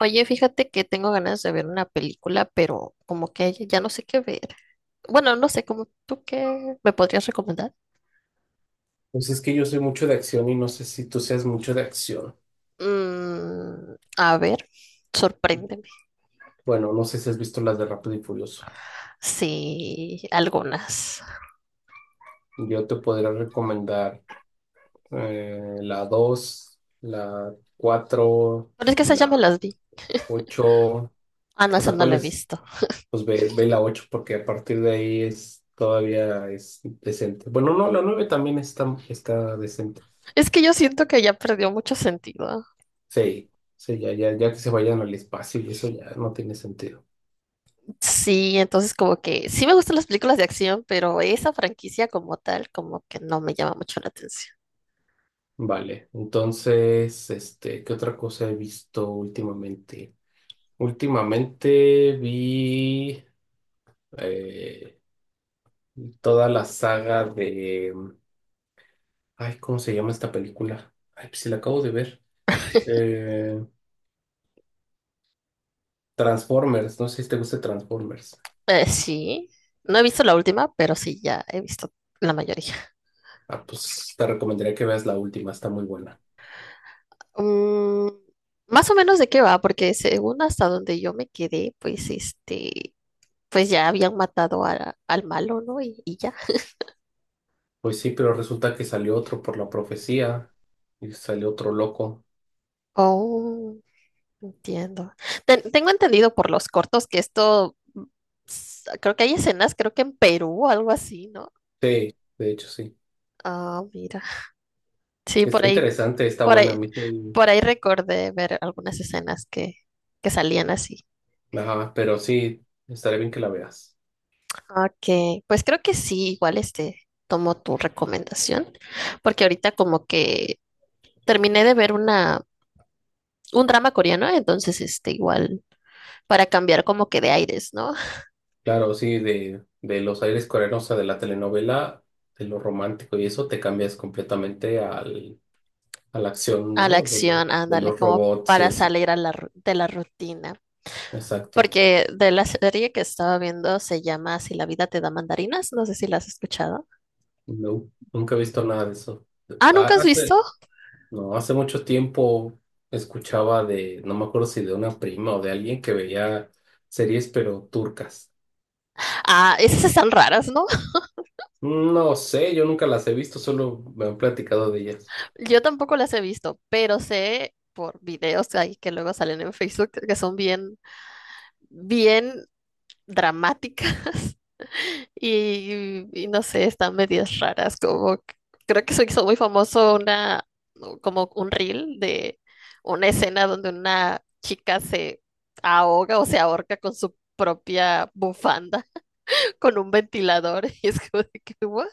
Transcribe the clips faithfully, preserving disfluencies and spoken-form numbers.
Oye, fíjate que tengo ganas de ver una película, pero como que ya no sé qué ver. Bueno, no sé, como tú qué me podrías recomendar. Pues es que yo soy mucho de acción y no sé si tú seas mucho de acción. Mm, a ver, sorpréndeme. Bueno, no sé si has visto las de Rápido y Furioso. Sí, algunas. Yo te podría recomendar eh, la dos la cuatro Pero es que y esas ya me la las vi. ocho. Ah, no, O esa sea, no ¿cuál la he es? visto. Pues ve, ve la ocho porque a partir de ahí es todavía es decente. Bueno, no, la nueve también está, está decente. Es que yo siento que ya perdió mucho sentido. Sí, sí, ya, ya, ya que se vayan al espacio y eso ya no tiene sentido. Sí, entonces como que sí me gustan las películas de acción, pero esa franquicia como tal, como que no me llama mucho la atención. Vale, entonces, este, ¿qué otra cosa he visto últimamente? Últimamente vi eh, toda la saga de, ay, ¿cómo se llama esta película? Ay, pues si la acabo de ver. Eh, Transformers, no sé si te gusta Transformers. Eh, sí, no he visto la última, pero sí, ya he visto la mayoría. Ah, pues te recomendaría que veas la última, está muy buena. Mm, Más o menos de qué va, porque según hasta donde yo me quedé, pues este, pues ya habían matado a- al malo, ¿no? Y, y ya. Pues sí, pero resulta que salió otro por la profecía y salió otro loco. Oh, entiendo. Ten- tengo entendido por los cortos que esto, s- creo que hay escenas, creo que en Perú o algo así, ¿no? Sí, de hecho sí. Ah, mira. Sí, por Está ahí, interesante, está por buena, a ahí, mí sí. por ahí recordé ver algunas escenas que, que salían así. Ajá, pero sí, estaría bien que la veas. Ok, pues creo que sí, igual este, tomo tu recomendación, porque ahorita como que terminé de ver una, un drama coreano, entonces este, igual para cambiar como que de aires, ¿no? Claro, sí, de, de los aires coreanos, o sea, de la telenovela, de lo romántico y eso te cambias completamente al, a la acción, A la ¿no? De los, acción, de ándale, los como robots y para eso. salir a la, ru- de la rutina, Exacto. porque de la serie que estaba viendo se llama Si la vida te da mandarinas, no sé si la has escuchado. No, nunca he visto nada de eso. Ah, ¿nunca Ha- has visto? Hace, no, hace mucho tiempo escuchaba de, no me acuerdo si de una prima o de alguien que veía series, pero turcas. Ah, esas están raras, ¿no? No sé, yo nunca las he visto, solo me han platicado de ellas. Yo tampoco las he visto, pero sé por videos ahí que luego salen en Facebook que son bien bien dramáticas. Y, y no sé, están medias raras, como que- creo que se hizo muy famoso una, como un reel de una escena donde una chica se ahoga o se ahorca con su propia bufanda, con un ventilador, y es como de que, "What?".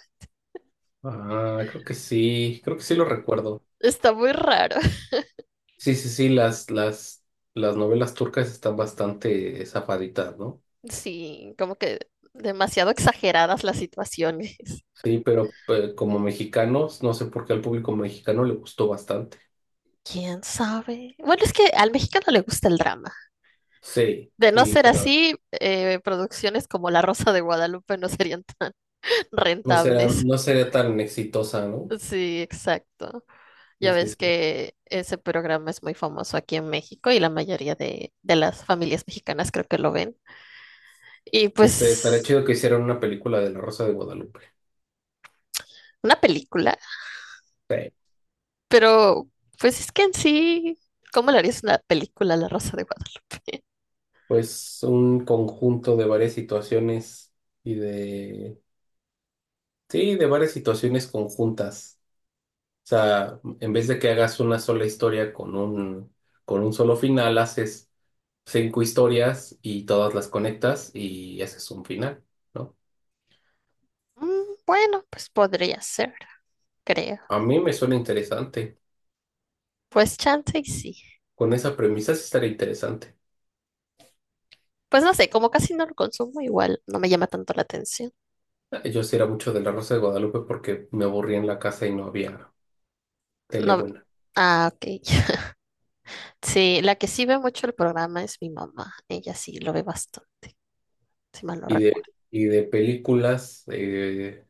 Ah, creo que sí, creo que sí lo recuerdo. Está muy raro. Sí, sí, sí, las, las, las novelas turcas están bastante zafaditas, ¿no? Sí, como que demasiado exageradas las situaciones. Sí, pero eh, como mexicanos, no sé por qué al público mexicano le gustó bastante. ¿Quién sabe? Bueno, es que al mexicano le gusta el drama. Sí, De no y, ser pero así, eh, producciones como La Rosa de Guadalupe no serían tan no será, rentables. no sería tan exitosa, ¿no? Sí, exacto. Ya Sí, sí, ves sí. que ese programa es muy famoso aquí en México y la mayoría de, de las familias mexicanas creo que lo ven. Y Este, estaría pues chido que hicieran una película de La Rosa de Guadalupe. una película, Sí, pero pues es que en sí, ¿cómo le harías una película a La Rosa de Guadalupe? pues un conjunto de varias situaciones y de... Sí, de varias situaciones conjuntas. O sea, en vez de que hagas una sola historia con un, con un solo final, haces cinco historias y todas las conectas y haces un final, ¿no? Mm, bueno, pues podría ser, creo. A mí me suena interesante. Pues chance y sí. Con esa premisa sí estaría interesante. Pues no sé, como casi no lo consumo, igual no me llama tanto la atención. Ah, yo sí era mucho de La Rosa de Guadalupe porque me aburría en la casa y no había tele No. buena. Ah, ok. Sí, la que sí ve mucho el programa es mi mamá. Ella sí lo ve bastante, si mal no Y de, recuerdo. y de películas, eh,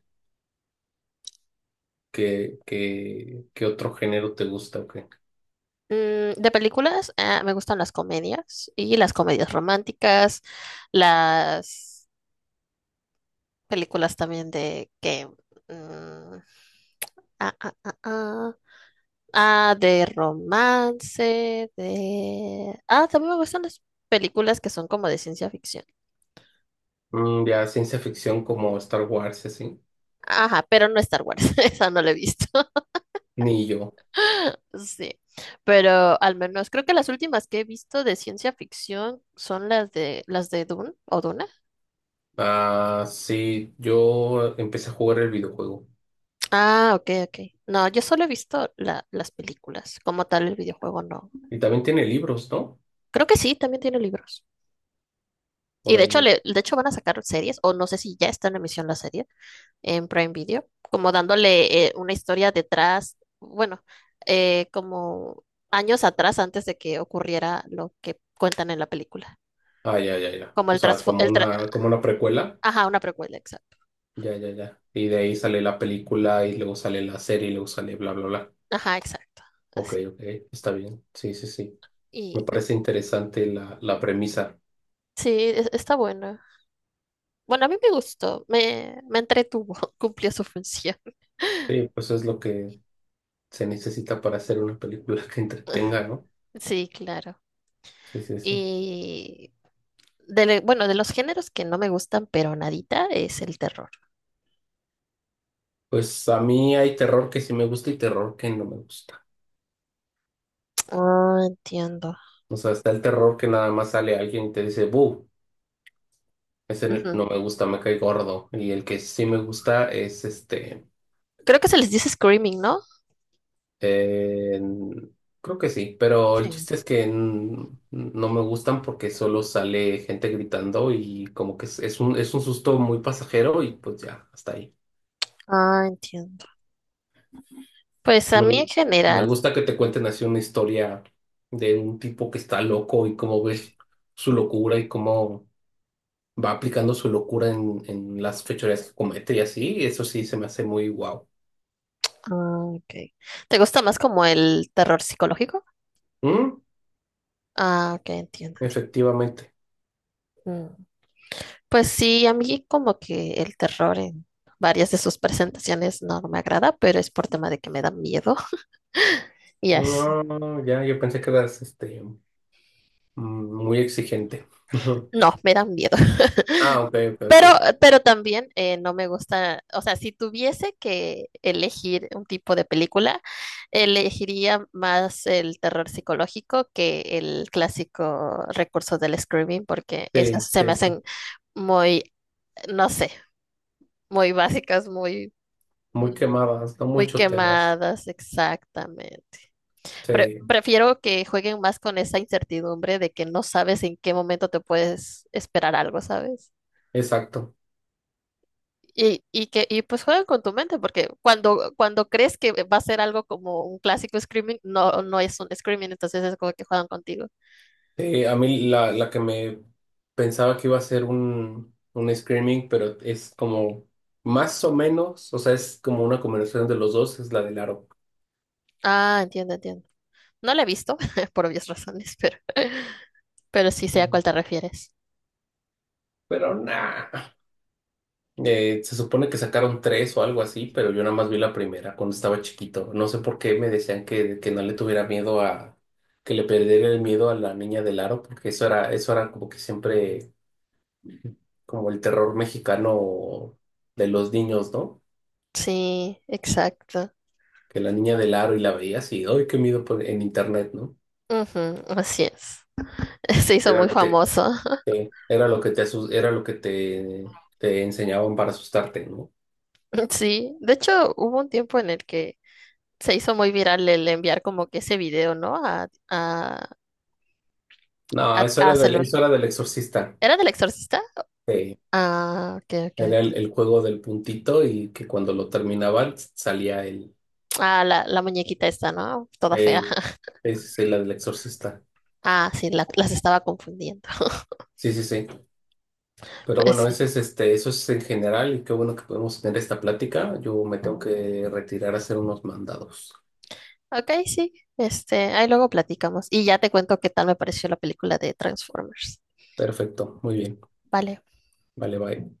¿qué, qué- qué otro género te gusta? ¿O qué? Mm, de películas, ah, me gustan las comedias y las comedias románticas, las películas también de que... mm, ah, ah, ah, ah, ah, de romance, de... Ah, también me gustan las películas que son como de ciencia ficción. Mm, ya ciencia ficción como Star Wars, y así. Ajá, pero no Star Wars, esa no la he visto. Ni yo. Sí, pero al menos creo que las últimas que he visto de ciencia ficción son las de las de Dune o Duna. Ah, sí, yo empecé a jugar el videojuego. Ah, ok, ok. No, yo solo he visto la- las películas. Como tal, el videojuego no. Y también tiene libros, ¿no? Creo que sí, también tiene libros. Y Por de hecho, ahí. le, de hecho van a sacar series, o no sé si ya está en emisión la serie en Prime Video, como dándole eh, una historia detrás, bueno, eh, como años atrás antes de que ocurriera lo que cuentan en la película. Ah, ya, ya, ya. Como O el, sea, trasfo- como el tra- una, como una precuela. ajá, una precuela, exacto. Ya, ya, ya. Y de ahí sale la película y luego sale la serie y luego sale bla, bla, bla. Ajá, exacto. Ok, Así. ok, está bien. Sí, sí, sí. Me Y, y- parece interesante la, la premisa. sí, es- está bueno. Bueno, a mí me gustó, me, me entretuvo, cumplió su función. Sí, pues es lo que se necesita para hacer una película que entretenga, ¿no? Sí, claro. Sí, sí, sí. Y de, le- bueno, de los géneros que no me gustan, pero nadita, es el terror. Pues a mí hay terror que sí me gusta y terror que no me gusta. Ah, entiendo. O sea, está el terror que nada más sale alguien y te dice, ¡bu! Ese no Ujú. no me gusta, me cae gordo. Y el que sí me gusta es este. Creo que se les dice screaming, ¿no? eh, Creo que sí, pero el Sí. chiste es que n- no me gustan porque solo sale gente gritando y como que es, es un, es un susto muy pasajero y pues ya, hasta ahí. Ah, entiendo. Pues a mí Me, en me general, gusta que te cuenten así una historia de un tipo que está loco y cómo ves su locura y cómo va aplicando su locura en, en las fechorías que comete y así. Eso sí se me hace muy guau. ah, ok. ¿Te gusta más como el terror psicológico? Mm, Ah, ok, entiendo. efectivamente. Entiendo. Pues sí, a mí como que el terror en varias de sus presentaciones no, no me agrada, pero es por tema de que me da miedo y así. No, no, ya, yo pensé que eras este, mm, muy exigente. No, me da miedo. Ah, ok, ok, ok. Pero, pero también eh, no me gusta, o sea, si tuviese que elegir un tipo de película, elegiría más el terror psicológico que el clásico recurso del screaming, porque esas Sí, se me sí, sí. hacen muy, no sé, muy básicas, muy, Muy quemadas, no muy mucho te das. quemadas, exactamente. Pre- Sí, Prefiero que jueguen más con esa incertidumbre de que no sabes en qué momento te puedes esperar algo, ¿sabes? exacto. Y, y que y pues juegan con tu mente, porque cuando, cuando crees que va a ser algo como un clásico Screaming, no, no es un Screaming, entonces es como que juegan contigo. Sí, a mí la, la que me pensaba que iba a ser un, un screaming, pero es como más o menos, o sea, es como una combinación de los dos, es la del aro. Ah, entiendo, entiendo. No la he visto, por obvias razones, pero, pero sí sé a Ujú. cuál te refieres. Pero no. Eh, se supone que sacaron tres o algo así, pero yo nada más vi la primera cuando estaba chiquito. No sé por qué me decían que, que no le tuviera miedo a, que le perdiera el miedo a la niña del aro, porque eso era, eso era como que siempre, como el terror mexicano de los niños, ¿no? Sí, exacto. Que la niña del aro y la veías y, ¡ay, qué miedo! Por- en internet, ¿no? Ujú, así es. Se hizo Era muy lo que, famoso. eh, era lo que te, asus- era lo que te, te enseñaban para asustarte, ¿no? Sí, de hecho hubo un tiempo en el que se hizo muy viral el enviar como que ese video, ¿no? A, a, No, a, eso a era del, Salón. eso era del exorcista. ¿Era del exorcista? Sí. Ah, ok, ok, Era el, ok. el juego del puntito y que cuando lo terminaban salía el... Ah, la, la muñequita esta, ¿no? Toda fea. Eh, es la del exorcista. Ah, sí, la- las estaba confundiendo. Sí, sí, sí. Pero Pues bueno, sí. ese es este, eso es en general y qué bueno que podemos tener esta plática. Yo me tengo que retirar a hacer unos mandados. Ok, sí. Este, ahí luego platicamos. Y ya te cuento qué tal me pareció la película de Transformers. Perfecto, muy bien. Vale. Vale, bye.